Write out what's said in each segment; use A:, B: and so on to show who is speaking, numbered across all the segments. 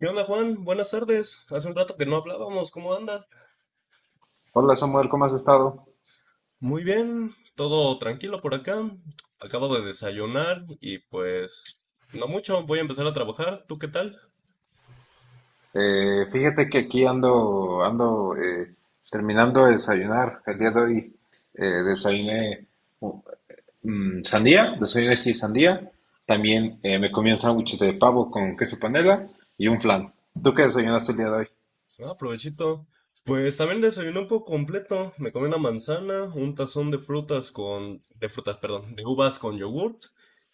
A: ¿Qué onda, Juan? Buenas tardes. Hace un rato que no hablábamos. ¿Cómo andas?
B: Hola Samuel, ¿cómo has estado?
A: Muy bien, todo tranquilo por acá. Acabo de desayunar y pues no mucho. Voy a empezar a trabajar. ¿Tú qué tal?
B: Fíjate que aquí ando, ando, terminando de desayunar. El día de hoy desayuné uh, sandía, desayuné sí sandía. También me comí un sándwich de pavo con queso panela y un flan. ¿Tú qué desayunaste el día de hoy?
A: Ah, provechito. Pues también desayuné un poco completo. Me comí una manzana, un tazón de frutas con, de frutas, perdón, de uvas con yogurt,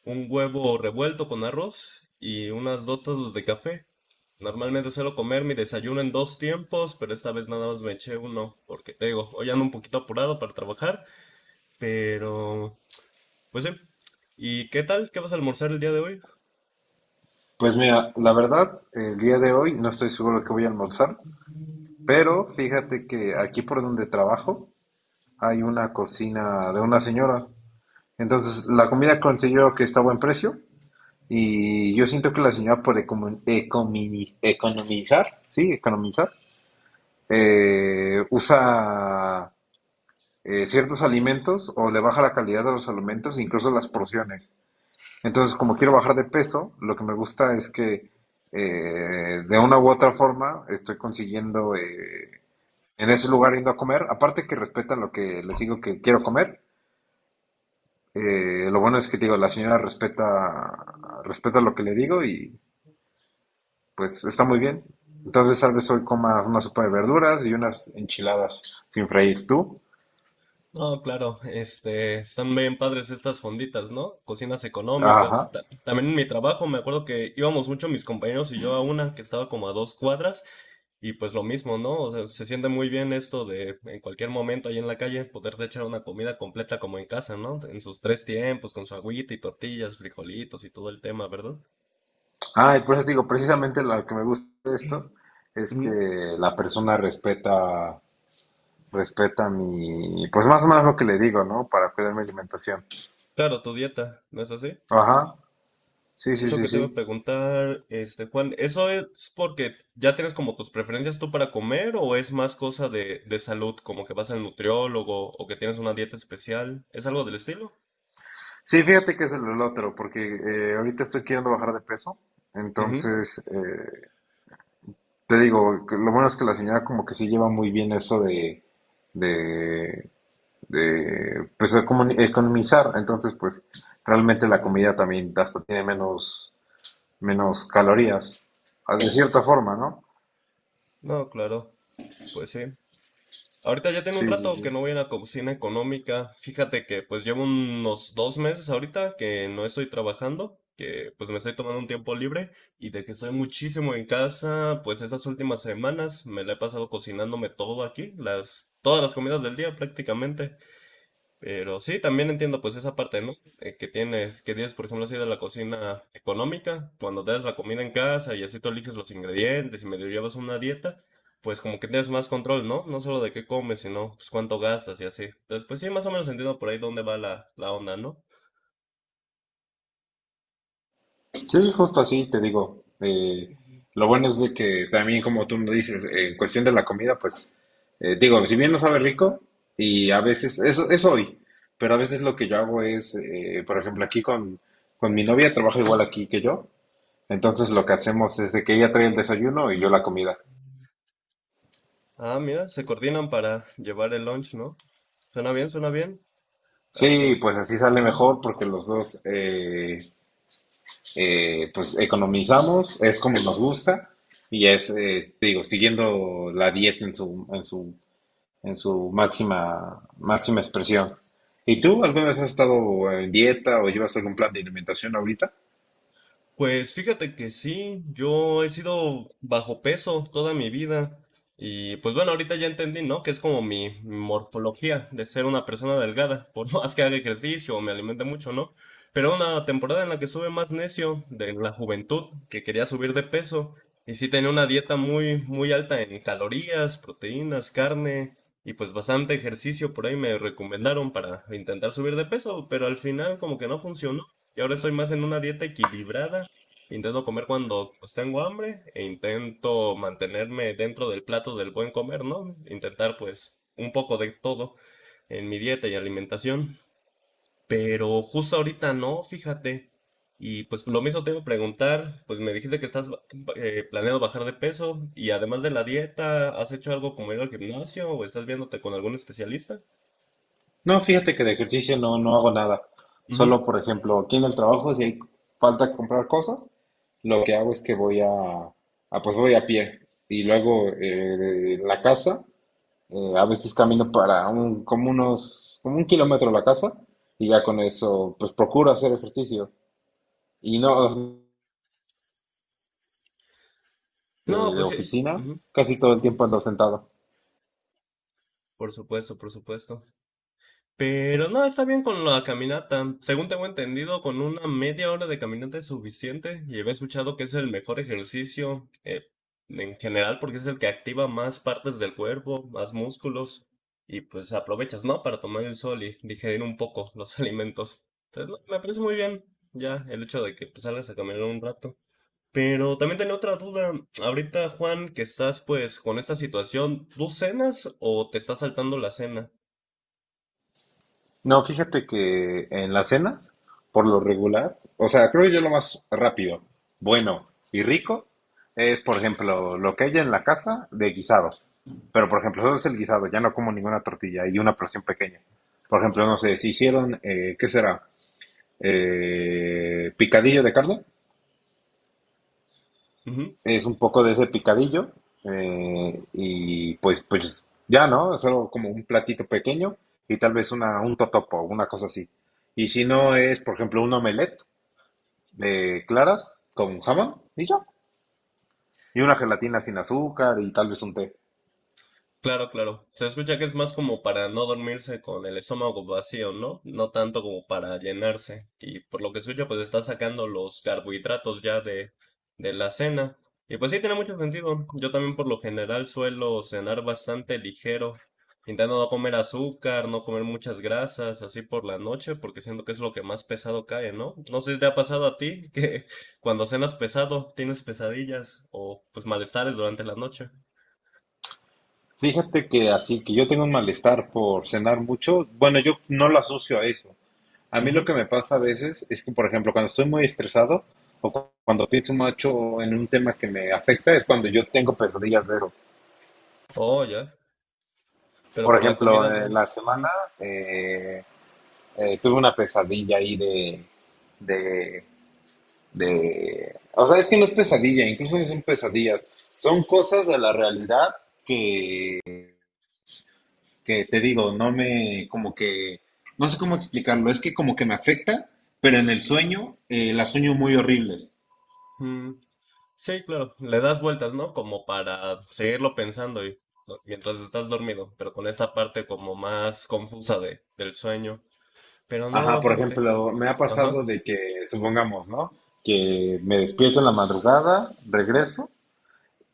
A: un huevo revuelto con arroz y unas dos tazas de café. Normalmente suelo comer mi desayuno en dos tiempos, pero esta vez nada más me eché uno, porque te digo, hoy ando un poquito apurado para trabajar, pero pues sí. ¿Y qué tal? ¿Qué vas a almorzar el día de hoy?
B: Pues mira, la verdad, el día de hoy no estoy seguro de qué voy a almorzar, pero fíjate que aquí por donde trabajo hay una cocina de una señora. Entonces la comida consiguió que está a buen precio. Y yo siento que la señora por economizar, sí, economizar, usa ciertos alimentos o le baja la calidad de los alimentos, incluso las porciones. Entonces, como quiero bajar de peso, lo que me gusta es que de una u otra forma estoy consiguiendo en ese lugar yendo a comer. Aparte que respetan lo que les digo que quiero comer. Lo bueno es que digo, la señora respeta, lo que le digo y pues está muy bien. Entonces tal vez hoy coma una sopa de verduras y unas enchiladas sin freír. ¿Tú?
A: No, claro, están bien padres estas fonditas, ¿no? Cocinas
B: Ajá.
A: económicas. También en mi trabajo me acuerdo que íbamos mucho mis compañeros y yo a una que estaba como a 2 cuadras y pues lo mismo, ¿no? O sea, se siente muy bien esto de en cualquier momento ahí en la calle poderte echar una comida completa como en casa, ¿no? En sus tres tiempos, con su agüita y tortillas, frijolitos y todo el tema, ¿verdad?
B: Ah, y por eso te digo, precisamente lo que me gusta de
A: Sí.
B: esto es que
A: Ujú.
B: la persona respeta, mi, pues más o menos lo que le digo, ¿no? Para cuidar mi alimentación.
A: Claro, tu dieta, ¿no es así?
B: Ajá. Sí,
A: Y
B: sí,
A: eso
B: sí,
A: que te iba a
B: sí.
A: preguntar, Juan, ¿eso es porque ya tienes como tus preferencias tú para comer o es más cosa de salud, como que vas al nutriólogo o que tienes una dieta especial? ¿Es algo del estilo?
B: Sí, fíjate que es el otro, porque ahorita estoy queriendo bajar de peso.
A: Ujú,
B: Entonces, te digo, que lo bueno es que la señora como que sí lleva muy bien eso de, de pues economizar. Entonces, pues realmente la
A: ujú.
B: comida también hasta tiene menos calorías, de cierta forma, ¿no?
A: No, claro, pues sí. Ahorita ya tiene un
B: Sí, sí,
A: rato
B: sí.
A: que no voy a la cocina económica. Fíjate que pues llevo unos 2 meses ahorita que no estoy trabajando, que pues me estoy tomando un tiempo libre y de que estoy muchísimo en casa, pues estas últimas semanas me la he pasado cocinándome todo aquí, todas las comidas del día prácticamente. Pero sí, también entiendo pues esa parte, ¿no? Que tienes, por ejemplo, así de la cocina económica, cuando te das la comida en casa y así tú eliges los ingredientes y medio llevas una dieta, pues como que tienes más control, ¿no? No solo de qué comes, sino pues cuánto gastas y así. Entonces, pues sí, más o menos entiendo por ahí dónde va la onda, ¿no?
B: Sí, justo así te digo. Lo bueno es de que también, como tú me dices, en cuestión de la comida, pues digo, si bien no sabe rico, y a veces, eso es hoy, pero a veces lo que yo hago es, por ejemplo, aquí con mi novia, trabaja igual aquí que yo, entonces lo que hacemos es de que ella trae el desayuno y yo la comida.
A: Ah, mira, se coordinan para llevar el lunch, ¿no? Suena bien, suena bien. Así.
B: Sí, pues así sale
A: Ujú.
B: mejor porque los dos pues economizamos, es como nos gusta y es, te digo, siguiendo la dieta en su máxima, máxima expresión. ¿Y tú alguna vez has estado en dieta o llevas algún plan de alimentación ahorita?
A: Pues fíjate que sí, yo he sido bajo peso toda mi vida y pues bueno, ahorita ya entendí, ¿no? Que es como mi morfología de ser una persona delgada, por más que haga ejercicio o me alimente mucho, ¿no? Pero una temporada en la que estuve más necio de la juventud, que quería subir de peso y sí tenía una dieta muy, muy alta en calorías, proteínas, carne y pues bastante ejercicio por ahí me recomendaron para intentar subir de peso, pero al final como que no funcionó. Y ahora estoy más en una dieta equilibrada. Intento comer cuando pues, tengo hambre e intento mantenerme dentro del plato del buen comer, ¿no? Intentar pues un poco de todo en mi dieta y alimentación. Pero justo ahorita no, fíjate. Y pues lo mismo te iba a preguntar, pues me dijiste que estás planeando bajar de peso y además de la dieta, ¿has hecho algo como ir al gimnasio o estás viéndote con algún especialista?
B: No, fíjate que de ejercicio no, no hago nada.
A: Ujú.
B: Solo, por ejemplo, aquí en el trabajo, si hay falta comprar cosas, lo que hago es que pues voy a pie. Y luego en la casa. A veces camino para como un kilómetro a la casa y ya con eso, pues procuro hacer ejercicio. Y no
A: No,
B: De
A: pues sí.
B: oficina,
A: Ujú,
B: casi todo el
A: ujú.
B: tiempo ando sentado.
A: Por supuesto, por supuesto. Pero no, está bien con la caminata. Según tengo entendido, con una media hora de caminata es suficiente y había escuchado que es el mejor ejercicio en general porque es el que activa más partes del cuerpo, más músculos y pues aprovechas, ¿no? Para tomar el sol y digerir un poco los alimentos. Entonces, no, me parece muy bien ya el hecho de que pues, salgas a caminar un rato. Pero también tenía otra duda. Ahorita, Juan, que estás pues con esta situación, ¿tú cenas o te estás saltando la cena?
B: No, fíjate que en las cenas, por lo regular, o sea, creo yo lo más rápido, bueno y rico es, por ejemplo, lo que haya en la casa de guisados. Pero, por ejemplo, solo es el guisado, ya no como ninguna tortilla y una porción pequeña. Por ejemplo, no sé, si hicieron, ¿qué será? Picadillo de carne. Es un poco de ese picadillo y pues, pues ya, ¿no? Solo como un platito pequeño y tal vez un totopo, una cosa así. Y si no es, por ejemplo, un omelette de claras con jamón y ya. Y una gelatina sin azúcar y tal vez un té.
A: Claro, claro. Se escucha que es más como para no dormirse con el estómago vacío, ¿no? No tanto como para llenarse. Y por lo que escucho, pues está sacando los carbohidratos ya de la cena. Y pues sí, tiene mucho sentido. Yo también por lo general suelo cenar bastante ligero, intentando no comer azúcar, no comer muchas grasas, así por la noche, porque siento que es lo que más pesado cae, ¿no? No sé si te ha pasado a ti que cuando cenas pesado tienes pesadillas o pues malestares durante la noche.
B: Fíjate que así que yo tengo un malestar por cenar mucho. Bueno, yo no lo asocio a eso. A mí lo
A: Ujú.
B: que me pasa a veces es que, por ejemplo, cuando estoy muy estresado o cuando pienso mucho en un tema que me afecta, es cuando yo tengo pesadillas de eso.
A: Oh, ya. Pero
B: Por
A: por la comida
B: ejemplo,
A: no.
B: la semana
A: Ujú.
B: eh, tuve una pesadilla ahí de, de... O sea, es que no es pesadilla, incluso no son pesadillas. Son cosas de la realidad que, que te digo, no me, como que, no sé cómo explicarlo, es que como que me afecta, pero en el sueño las sueño muy horribles.
A: Mm. Sí, claro, le das vueltas, ¿no? Como para seguirlo pensando y, ¿no? mientras estás dormido, pero con esa parte como más confusa del sueño. Pero
B: Ajá,
A: no,
B: por
A: fíjate.
B: ejemplo, me ha
A: Ajá,
B: pasado de que, supongamos, ¿no? Que me despierto en la madrugada, regreso,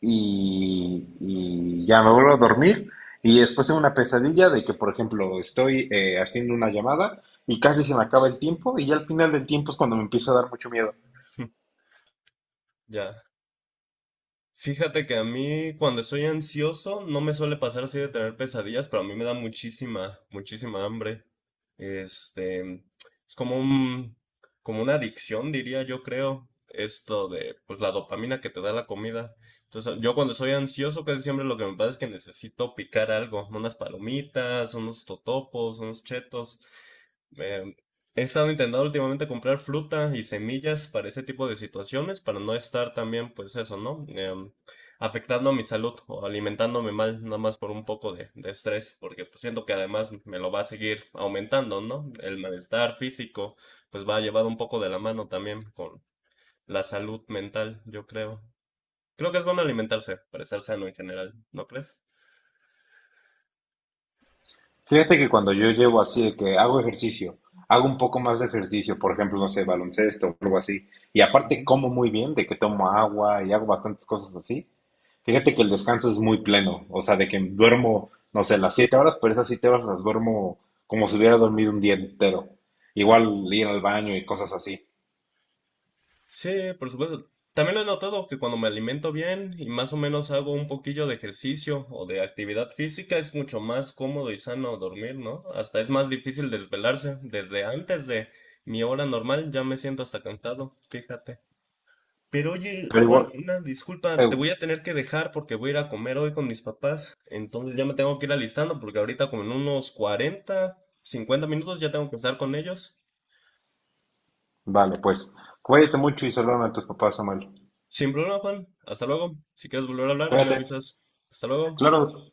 B: y ya me vuelvo a dormir y después tengo una pesadilla de que, por ejemplo, estoy haciendo una llamada y casi se me acaba el tiempo y ya al final del tiempo es cuando me empieza a dar mucho miedo.
A: ya. Fíjate que a mí cuando estoy ansioso no me suele pasar así de tener pesadillas, pero a mí me da muchísima, muchísima hambre. Este, es como una adicción, diría yo, creo, esto de, pues la dopamina que te da la comida. Entonces, yo cuando estoy ansioso casi siempre lo que me pasa es que necesito picar algo, unas palomitas, unos totopos, unos chetos. Eh, he estado intentando últimamente comprar fruta y semillas para ese tipo de situaciones, para no estar también, pues eso, ¿no? Afectando a mi salud o alimentándome mal, nada más por un poco de estrés, porque pues, siento que además me lo va a seguir aumentando, ¿no? El malestar físico, pues va llevado un poco de la mano también con la salud mental, yo creo. Creo que es bueno alimentarse para estar sano en general, ¿no crees?
B: Fíjate que cuando yo llevo así de que hago ejercicio, hago un poco más de ejercicio, por ejemplo, no sé, baloncesto o algo así, y aparte como muy bien, de que tomo agua y hago bastantes cosas así, fíjate que el descanso es muy pleno, o sea, de que duermo, no sé, las 7 horas, pero esas 7 horas las duermo como si hubiera dormido un día entero. Igual ir al baño y cosas así.
A: Sí, por supuesto. También lo he notado que cuando me alimento bien y más o menos hago un poquillo de ejercicio o de actividad física, es mucho más cómodo y sano dormir, ¿no? Hasta es más difícil desvelarse. Desde antes de mi hora normal ya me siento hasta cansado, fíjate. Pero oye,
B: Pero
A: Juan,
B: igual,
A: una disculpa, te
B: eh,
A: voy a tener que dejar porque voy a ir a comer hoy con mis papás. Entonces ya me tengo que ir alistando porque ahorita como en unos 40, 50 minutos ya tengo que estar con ellos.
B: vale, pues, cuídate mucho y saludos a tus papás, Samuel.
A: Sin problema, Juan. Hasta luego. Si quieres volver a hablar, ahí me
B: Cuídate.
A: avisas. Hasta luego.
B: Claro,